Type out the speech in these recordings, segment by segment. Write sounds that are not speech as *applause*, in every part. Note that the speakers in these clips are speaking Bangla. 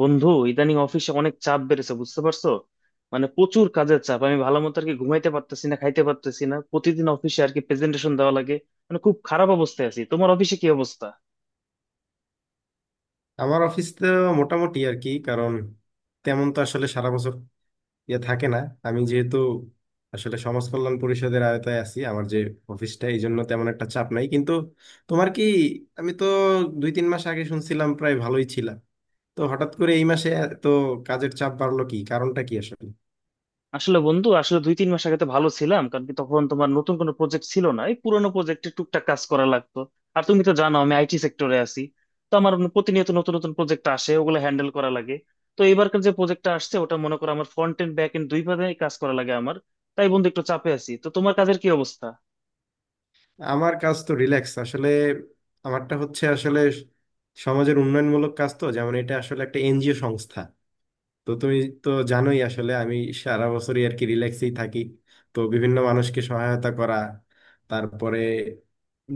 বন্ধু, ইদানিং অফিসে অনেক চাপ বেড়েছে, বুঝতে পারছো? মানে, প্রচুর কাজের চাপ। আমি ভালো মতো আর কি ঘুমাইতে পারতেছি না, খাইতে পারতেছি না। প্রতিদিন অফিসে আর কি প্রেজেন্টেশন দেওয়া লাগে। মানে, খুব খারাপ অবস্থায় আছি। তোমার অফিসে কি অবস্থা? আমার অফিস তো মোটামুটি আর কি। কারণ তেমন তো আসলে সারা বছর ইয়ে থাকে না। আমি যেহেতু আসলে সমাজ কল্যাণ পরিষদের আওতায় আছি, আমার যে অফিসটা, এই জন্য তেমন একটা চাপ নাই। কিন্তু তোমার কি? আমি তো দুই তিন মাস আগে শুনছিলাম, প্রায় ভালোই ছিলাম, তো হঠাৎ করে এই মাসে তো কাজের চাপ বাড়লো, কি কারণটা কি আসলে? আসলে বন্ধু, আসলে দুই তিন মাস আগে তো ভালো ছিলাম। কারণ কি, তখন তোমার নতুন কোনো প্রজেক্ট ছিল না, এই পুরোনো প্রজেক্টে টুকটাক কাজ করা লাগতো। আর তুমি তো জানো আমি আইটি সেক্টরে আছি। তো আমার প্রতিনিয়ত নতুন নতুন প্রজেক্ট আসে, ওগুলো হ্যান্ডেল করা লাগে। তো এবারকার যে প্রজেক্টটা আসছে ওটা মনে করো আমার ফ্রন্ট এন্ড ব্যাক এন্ড দুই ভাবে কাজ করা লাগে আমার। তাই বন্ধু একটু চাপে আছি। তো তোমার কাজের কি অবস্থা? আমার কাজ তো রিল্যাক্স আসলে। আমারটা হচ্ছে আসলে সমাজের উন্নয়নমূলক কাজ তো, যেমন এটা আসলে একটা এনজিও সংস্থা। তো তুমি তো জানোই আসলে আমি সারা বছরই আর কি রিল্যাক্সেই থাকি। তো বিভিন্ন মানুষকে সহায়তা করা, তারপরে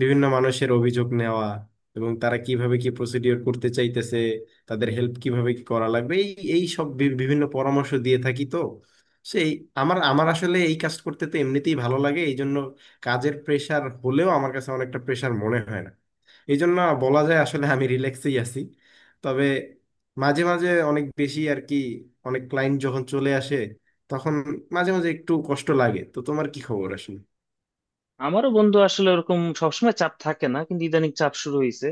বিভিন্ন মানুষের অভিযোগ নেওয়া, এবং তারা কিভাবে কি প্রসিডিওর করতে চাইতেছে, তাদের হেল্প কিভাবে কি করা লাগবে, এই এই সব বিভিন্ন পরামর্শ দিয়ে থাকি তো। সেই আমার আমার আসলে এই কাজ করতে তো এমনিতেই ভালো লাগে, এই জন্য কাজের প্রেশার হলেও আমার কাছে অনেকটা প্রেশার মনে হয় না। এই জন্য বলা যায় আসলে আমি রিল্যাক্সেই আছি। তবে মাঝে মাঝে অনেক বেশি আর কি, অনেক ক্লায়েন্ট যখন চলে আসে, তখন মাঝে মাঝে একটু কষ্ট লাগে। তো তোমার কি খবর আসলে? আমারও বন্ধু আসলে ওরকম সবসময় চাপ থাকে না, কিন্তু ইদানিং চাপ শুরু হয়েছে।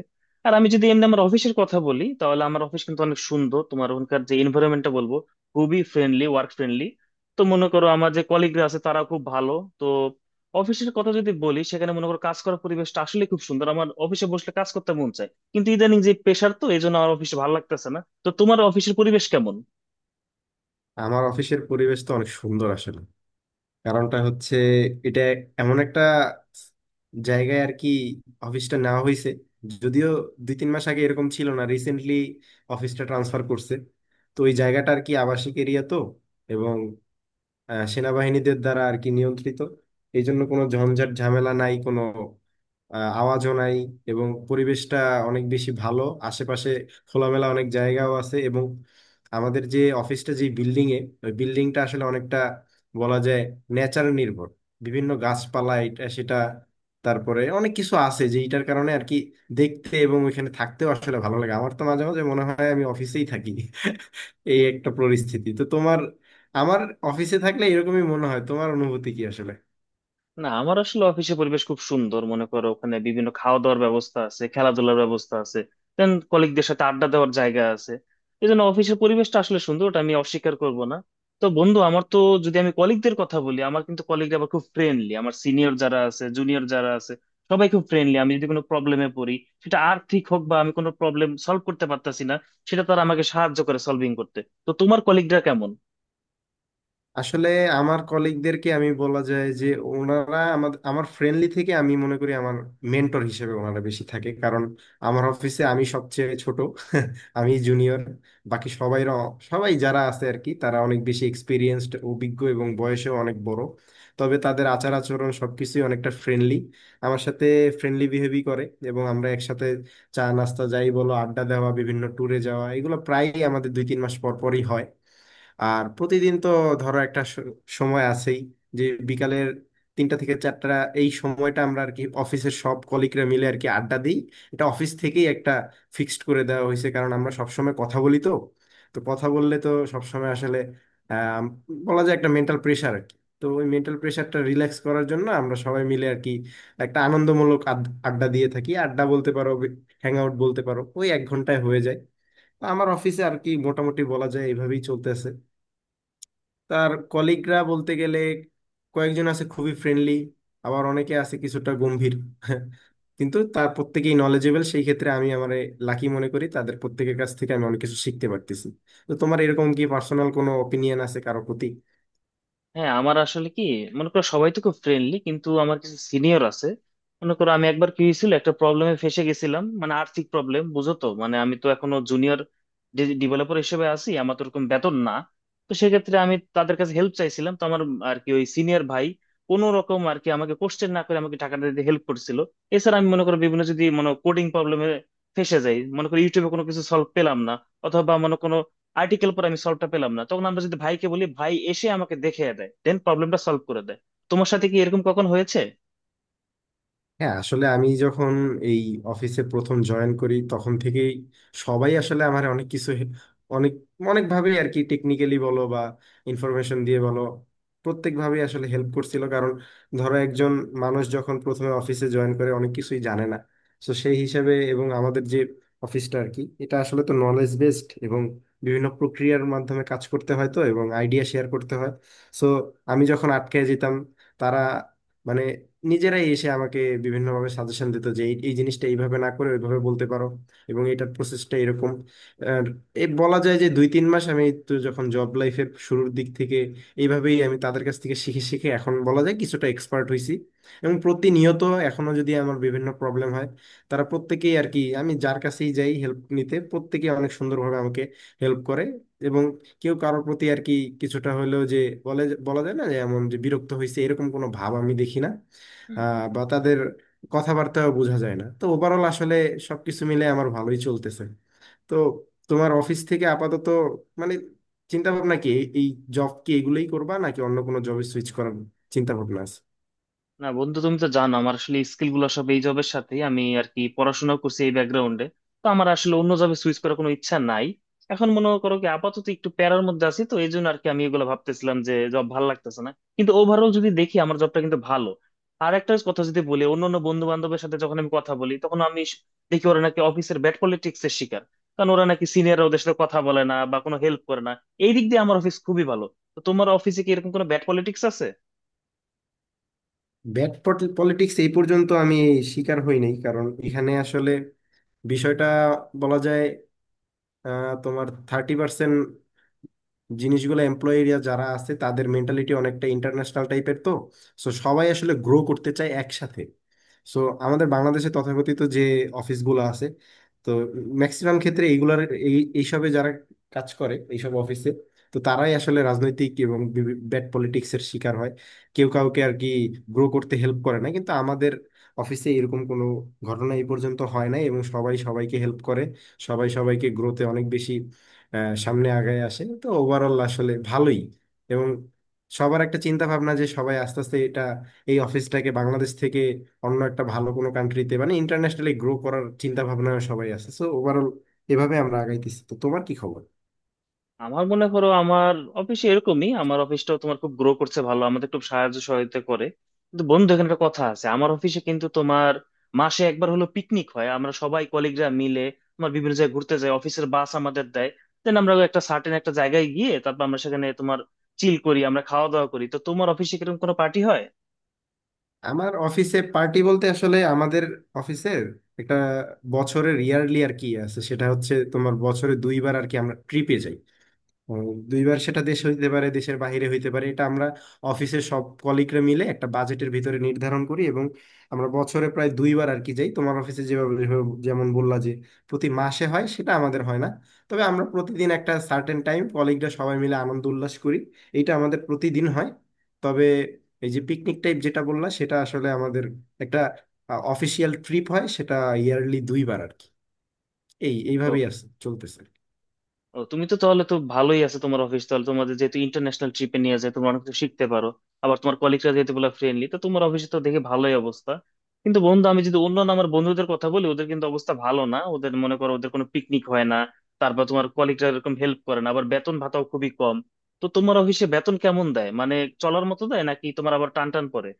আর আমি যদি এমনি আমার অফিসের কথা বলি, তাহলে আমার অফিস কিন্তু অনেক সুন্দর। তোমার ওখানকার যে এনভায়রনমেন্টটা, বলবো খুবই ফ্রেন্ডলি, ওয়ার্ক ফ্রেন্ডলি। তো মনে করো আমার যে কলিগরা আছে তারা খুব ভালো। তো অফিসের কথা যদি বলি, সেখানে মনে করো কাজ করার পরিবেশটা আসলে খুব সুন্দর। আমার অফিসে বসলে কাজ করতে মন চায়, কিন্তু ইদানিং যে প্রেশার, তো এই জন্য আমার অফিসে ভালো লাগতেছে না। তো তোমার অফিসের পরিবেশ কেমন? আমার অফিসের পরিবেশ তো অনেক সুন্দর আসলে। কারণটা হচ্ছে এটা এমন একটা জায়গায় আর কি অফিসটা নেওয়া হয়েছে। যদিও দুই তিন মাস আগে এরকম ছিল না, রিসেন্টলি অফিসটা ট্রান্সফার করছে। তো ওই জায়গাটা আর কি আবাসিক এরিয়া তো, এবং সেনাবাহিনীদের দ্বারা আর কি নিয়ন্ত্রিত। এই জন্য কোনো ঝঞ্ঝাট ঝামেলা নাই, কোনো আওয়াজও নাই। এবং পরিবেশটা অনেক বেশি ভালো। আশেপাশে খোলামেলা অনেক জায়গাও আছে, এবং আমাদের যে অফিসটা যে বিল্ডিং এ, ওই বিল্ডিংটা আসলে অনেকটা বলা যায় নেচার নির্ভর, বিভিন্ন গাছপালা এটা সেটা তারপরে অনেক কিছু আছে, যেটার কারণে আর কি দেখতে এবং ওইখানে থাকতেও আসলে ভালো লাগে। আমার তো মাঝে মাঝে মনে হয় আমি অফিসেই থাকি। এই একটা পরিস্থিতি। তো তোমার, আমার অফিসে থাকলে এরকমই মনে হয়, তোমার অনুভূতি কি আসলে? না, আমার আসলে অফিসে পরিবেশ খুব সুন্দর। মনে করো ওখানে বিভিন্ন খাওয়া দাওয়ার ব্যবস্থা আছে, খেলাধুলার ব্যবস্থা আছে। দেন কলিগদের সাথে আড্ডা দেওয়ার জায়গা আছে। এই জন্য অফিসের পরিবেশটা আসলে সুন্দর, ওটা আমি অস্বীকার করব না। তো বন্ধু আমার তো, যদি আমি কলিগদের কথা বলি, আমার কিন্তু কলিগরা আবার খুব ফ্রেন্ডলি। আমার সিনিয়র যারা আছে, জুনিয়র যারা আছে, সবাই খুব ফ্রেন্ডলি। আমি যদি কোনো প্রবলেমে পড়ি, সেটা আর্থিক হোক বা আমি কোনো প্রবলেম সলভ করতে পারতাছি না, সেটা তারা আমাকে সাহায্য করে সলভিং করতে। তো তোমার কলিগরা কেমন? আসলে আমার কলিগদেরকে আমি বলা যায় যে, ওনারা আমার আমার ফ্রেন্ডলি থেকে আমি মনে করি আমার মেন্টর হিসেবে ওনারা বেশি থাকে, কারণ আমার অফিসে আমি সবচেয়ে ছোট। *laughs* আমি জুনিয়র, বাকি সবাই সবাই যারা আছে আর কি তারা অনেক বেশি এক্সপিরিয়েন্সড অভিজ্ঞ এবং বয়সেও অনেক বড়। তবে তাদের আচার আচরণ সবকিছুই অনেকটা ফ্রেন্ডলি, আমার সাথে ফ্রেন্ডলি বিহেভই করে। এবং আমরা একসাথে চা নাস্তা যাই বলো, আড্ডা দেওয়া, বিভিন্ন ট্যুরে যাওয়া, এগুলো প্রায়ই আমাদের দুই তিন মাস পর পরই হয়। আর প্রতিদিন তো ধরো একটা সময় আছেই, যে বিকালের তিনটা থেকে চারটা এই সময়টা আমরা আর কি অফিসের সব কলিগরা মিলে আর কি আড্ডা দিই। এটা অফিস থেকেই একটা ফিক্সড করে দেওয়া হয়েছে, কারণ আমরা সবসময় কথা বলি তো। তো কথা বললে তো সবসময় আসলে আহ, বলা যায় একটা মেন্টাল প্রেশার আর কি। তো ওই মেন্টাল প্রেশারটা রিল্যাক্স করার জন্য আমরা সবাই মিলে আর কি একটা আনন্দমূলক আড্ডা দিয়ে থাকি, আড্ডা বলতে পারো হ্যাং আউট বলতে পারো, ওই এক ঘন্টায় হয়ে যায়। তো আমার অফিসে আর কি মোটামুটি বলা যায় এইভাবেই চলতেছে। তার কলিগরা বলতে গেলে কয়েকজন আছে খুবই ফ্রেন্ডলি, আবার অনেকে আছে কিছুটা গম্ভীর *laughs* কিন্তু তার প্রত্যেকেই নলেজেবল। সেই ক্ষেত্রে আমি আমার লাকি মনে করি, তাদের প্রত্যেকের কাছ থেকে আমি অনেক কিছু শিখতে পারতেছি। তো তোমার এরকম কি পার্সোনাল কোনো অপিনিয়ন আছে কারো প্রতি? হ্যাঁ, আমার আসলে কি, মনে করো সবাই তো খুব ফ্রেন্ডলি, কিন্তু আমার কিছু সিনিয়র আছে। মনে করো আমি একবার কি হয়েছিল, একটা প্রবলেমে ফেসে গেছিলাম। মানে আর্থিক প্রবলেম, বুঝো তো। মানে আমি তো এখনো জুনিয়র ডেভেলপার হিসেবে আছি, আমার তো ওরকম বেতন না। তো সেক্ষেত্রে আমি তাদের কাছে হেল্প চাইছিলাম। তো আমার আর কি ওই সিনিয়র ভাই কোনো রকম আর কি আমাকে কোশ্চেন না করে আমাকে টাকাটা দিতে হেল্প করছিল। এছাড়া আমি মনে করো বিভিন্ন যদি মনে কোডিং প্রবলেমে ফেসে যাই, মনে করো ইউটিউবে কোনো কিছু সলভ পেলাম না অথবা মনে কোনো আর্টিকেল পর আমি সলভটা পেলাম না, তখন আমরা যদি ভাইকে বলি, ভাই এসে আমাকে দেখে দেয়, দেন প্রবলেমটা সলভ করে দেয়। তোমার সাথে কি এরকম কখন হয়েছে? হ্যাঁ আসলে আমি যখন এই অফিসে প্রথম জয়েন করি তখন থেকেই সবাই আসলে আমার অনেক কিছু অনেক অনেকভাবেই আর কি, টেকনিক্যালি বলো বা ইনফরমেশন দিয়ে বলো, প্রত্যেকভাবেই আসলে হেল্প করছিল। কারণ ধরো একজন মানুষ যখন প্রথমে অফিসে জয়েন করে অনেক কিছুই জানে না, তো সেই হিসাবে। এবং আমাদের যে অফিসটা আর কি, এটা আসলে তো নলেজ বেসড এবং বিভিন্ন প্রক্রিয়ার মাধ্যমে কাজ করতে হয় তো, এবং আইডিয়া শেয়ার করতে হয়। সো আমি যখন আটকে যেতাম, তারা মানে নিজেরাই এসে আমাকে বিভিন্নভাবে সাজেশন দিত যে এই এই জিনিসটা এইভাবে না করে ওইভাবে বলতে পারো, এবং এটার প্রসেসটা এরকম। আর এ বলা যায় যে, দুই তিন মাস আমি তো যখন জব লাইফের শুরুর দিক থেকে এইভাবেই আমি তাদের কাছ থেকে শিখে শিখে এখন বলা যায় কিছুটা এক্সপার্ট হয়েছি। এবং প্রতিনিয়ত এখনো যদি আমার বিভিন্ন প্রবলেম হয়, তারা প্রত্যেকেই আর কি, আমি যার কাছেই যাই হেল্প নিতে প্রত্যেকেই অনেক সুন্দরভাবে আমাকে হেল্প করে। এবং কেউ কারোর প্রতি আর কি কিছুটা হলেও যে বলে, বলা যায় না যে এমন যে বিরক্ত হয়েছে এরকম কোনো ভাব আমি দেখি না, বা তাদের কথাবার্তাও বোঝা যায় না। তো ওভারঅল আসলে সবকিছু মিলে আমার ভালোই চলতেছে। তো তোমার অফিস থেকে আপাতত মানে চিন্তা ভাবনা কি, এই এই জব কি এগুলোই করবা নাকি অন্য কোনো জবে সুইচ করার চিন্তা ভাবনা আছে? না বন্ধু, তুমি তো জানো আমার আসলে স্কিল গুলো সব এই জবের সাথেই, আমি আর কি পড়াশোনা করছি এই ব্যাকগ্রাউন্ডে। তো আমার আসলে অন্য জবে সুইচ করার কোনো ইচ্ছা নাই। এখন মনে করো কি আপাতত একটু প্যারার মধ্যে আছি, তো এই জন্য আর কি আমি এগুলো ভাবতেছিলাম যে জব ভালো লাগতেছে না। কিন্তু ওভারঅল যদি দেখি আমার জবটা কিন্তু ভালো। আর একটা কথা যদি বলি, অন্য অন্য বন্ধু বান্ধবের সাথে যখন আমি কথা বলি, তখন আমি দেখি ওরা নাকি অফিসের ব্যাড পলিটিক্স এর শিকার। কারণ ওরা নাকি সিনিয়ররা ওদের সাথে কথা বলে না বা কোনো হেল্প করে না। এই দিক দিয়ে আমার অফিস খুবই ভালো। তো তোমার অফিসে কি এরকম কোনো ব্যাড পলিটিক্স আছে? ব্যাড পলিটিক্স এই পর্যন্ত আমি শিকার হই নাই, কারণ এখানে আসলে বিষয়টা বলা যায় তোমার 30% জিনিসগুলো, এমপ্লয়িরা যারা আছে তাদের মেন্টালিটি অনেকটা ইন্টারন্যাশনাল টাইপের তো। সো সবাই আসলে গ্রো করতে চায় একসাথে। সো আমাদের বাংলাদেশে তথাকথিত যে অফিসগুলো আছে, তো ম্যাক্সিমাম ক্ষেত্রে এইগুলার এইসবে যারা কাজ করে এইসব অফিসে, তো তারাই আসলে রাজনৈতিক এবং ব্যাড পলিটিক্সের শিকার হয়, কেউ কাউকে আর কি গ্রো করতে হেল্প করে না। কিন্তু আমাদের অফিসে এরকম কোনো ঘটনা এই পর্যন্ত হয় নাই, এবং সবাই সবাইকে হেল্প করে, সবাই সবাইকে গ্রোতে অনেক বেশি সামনে আগায় আসে। তো ওভারঅল আসলে ভালোই। এবং সবার একটা চিন্তা ভাবনা, যে সবাই আস্তে আস্তে এটা এই অফিসটাকে বাংলাদেশ থেকে অন্য একটা ভালো কোনো কান্ট্রিতে মানে ইন্টারন্যাশনালি গ্রো করার চিন্তা ভাবনা সবাই আছে। সো ওভারঅল এভাবে আমরা আগাইতেছি। তো তোমার কি খবর? আমার মনে করো আমার অফিসে এরকমই, আমার অফিসটাও তোমার খুব গ্রো করছে, ভালো আমাদের খুব সাহায্য সহযোগিতা করে। কিন্তু বন্ধু এখানে একটা কথা আছে, আমার অফিসে কিন্তু তোমার মাসে একবার হলো পিকনিক হয়, আমরা সবাই কলিগরা মিলে তোমার বিভিন্ন জায়গায় ঘুরতে যাই। অফিসের বাস আমাদের দেয়, দেন আমরা একটা সার্টেন একটা জায়গায় গিয়ে তারপর আমরা সেখানে তোমার চিল করি, আমরা খাওয়া দাওয়া করি। তো তোমার অফিসে কিরকম কোনো পার্টি হয়? আমার অফিসে পার্টি বলতে আসলে আমাদের অফিসের একটা বছরের ইয়ারলি আর কি আছে, সেটা হচ্ছে তোমার বছরে দুইবার আর কি আমরা ট্রিপে যাই। ও, দুইবার, সেটা দেশ হইতে পারে দেশের বাইরে হইতে পারে, এটা আমরা অফিসের সব কলিগরা মিলে একটা বাজেটের ভিতরে নির্ধারণ করি, এবং আমরা বছরে প্রায় দুইবার আর কি যাই। তোমার অফিসে যেভাবে যেভাবে- যেমন বললা যে প্রতি মাসে হয়, সেটা আমাদের হয় না। তবে আমরা প্রতিদিন একটা সার্টেন টাইম কলিগরা সবাই মিলে আনন্দ উল্লাস করি, এটা আমাদের প্রতিদিন হয়। তবে এই যে পিকনিক টাইপ যেটা বললা, সেটা আসলে আমাদের একটা অফিসিয়াল ট্রিপ হয়, সেটা ইয়ারলি দুইবার আর কি, এইভাবেই আছে চলতেছে। ও, তুমি তো তাহলে তো ভালোই আছে, তোমার অফিস তাহলে। তোমাদের যেহেতু ইন্টারন্যাশনাল ট্রিপে নিয়ে যায়, তোমরা অনেক কিছু শিখতে পারো। আবার তোমার কলিগরা যেহেতু বলে ফ্রেন্ডলি, তো তোমার অফিসে তো দেখে ভালোই অবস্থা। কিন্তু বন্ধু আমি যদি অন্য আমার বন্ধুদের কথা বলি, ওদের কিন্তু অবস্থা ভালো না। ওদের মনে করো ওদের কোনো পিকনিক হয় না। তারপর তোমার কলিগরা এরকম হেল্প করে না, আবার বেতন ভাতাও খুবই কম। তো তোমার অফিসে বেতন কেমন দেয়, মানে চলার মতো দেয় নাকি তোমার আবার টান টান পড়ে?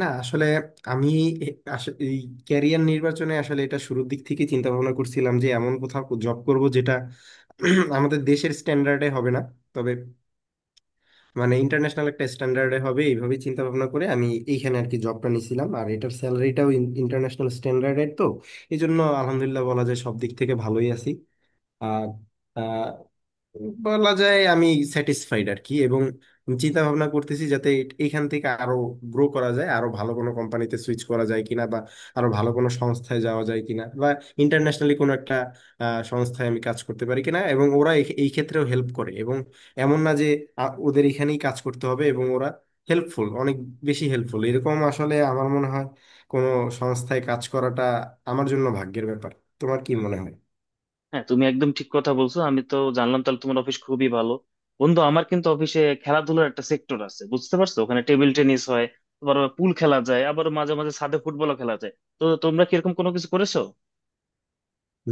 না আসলে আমি এ- এই ক্যারিয়ার নির্বাচনে আসলে এটা শুরুর দিক থেকে চিন্তা ভাবনা করছিলাম যে এমন কোথাও জব করব যেটা *clears throat* আমাদের দেশের স্ট্যান্ডার্ডে হবে না। তবে মানে ইন্টারন্যাশনাল একটা স্ট্যান্ডার্ডে হবে, এইভাবে চিন্তা ভাবনা করে আমি এইখানে আর কি জবটা নিয়েছিলাম। আর এটার স্যালারিটাও ইন্টারন্যাশনাল স্ট্যান্ডার্ডের তো, এই জন্য আলহামদুলিল্লাহ বলা যায় সব দিক থেকে ভালোই আছি। আর বলা যায় আমি স্যাটিসফাইড আর কি, এবং চিন্তা ভাবনা করতেছি যাতে এখান থেকে আরো গ্রো করা যায়, আরো ভালো কোনো কোম্পানিতে সুইচ করা যায় কিনা, বা আরো ভালো কোনো সংস্থায় যাওয়া যায় কিনা, বা ইন্টারন্যাশনালি কোনো একটা সংস্থায় আমি কাজ করতে পারি কিনা। এবং ওরা এই এই ক্ষেত্রেও হেল্প করে, এবং এমন না যে ওদের এখানেই কাজ করতে হবে। এবং ওরা হেল্পফুল, অনেক বেশি হেল্পফুল, এরকম আসলে আমার মনে হয় কোনো সংস্থায় কাজ করাটা আমার জন্য ভাগ্যের ব্যাপার। তোমার কি মনে হয়? হ্যাঁ, তুমি একদম ঠিক কথা বলছো। আমি তো জানলাম তাহলে তোমার অফিস খুবই ভালো। বন্ধু আমার কিন্তু অফিসে খেলাধুলার একটা সেক্টর আছে, বুঝতে পারছো, ওখানে টেবিল টেনিস হয়, আবার পুল খেলা যায়, আবার মাঝে মাঝে ছাদে ফুটবলও খেলা যায়। তো তোমরা কি এরকম কোনো কিছু করেছো?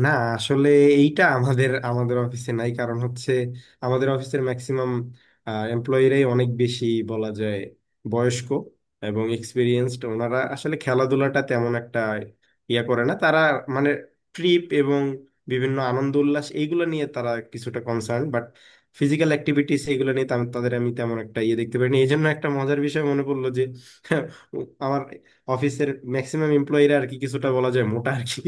না আসলে এইটা আমাদের আমাদের অফিসে নাই, কারণ হচ্ছে আমাদের অফিসের ম্যাক্সিমাম এমপ্লয়িরাই অনেক বেশি বলা যায় বয়স্ক এবং এক্সপিরিয়েন্সড, ওনারা আসলে খেলাধুলাটা তেমন একটা ইয়া করে না। তারা মানে ট্রিপ এবং বিভিন্ন আনন্দ উল্লাস এইগুলো নিয়ে তারা কিছুটা কনসার্ন, বাট ফিজিক্যাল অ্যাক্টিভিটিস এগুলো নিয়ে তাদের আমি তেমন একটা ইয়ে দেখতে পারিনি। এই জন্য একটা মজার বিষয় মনে পড়লো, যে *laughs* আমার অফিসের ম্যাক্সিমাম এমপ্লয়িরা আর কি কিছুটা বলা যায় মোটা আর কি।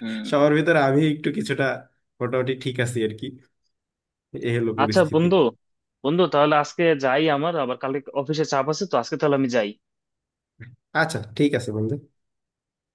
হুম। সবার ভিতরে আমি একটু কিছুটা মোটামুটি ঠিক আছি আর কি। এ হলো আচ্ছা পরিস্থিতি। বন্ধু, বন্ধু তাহলে আজকে যাই, আমার আবার কালকে অফিসে চাপ আছে, তো আজকে তাহলে আমি যাই। আচ্ছা ঠিক আছে বন্ধু।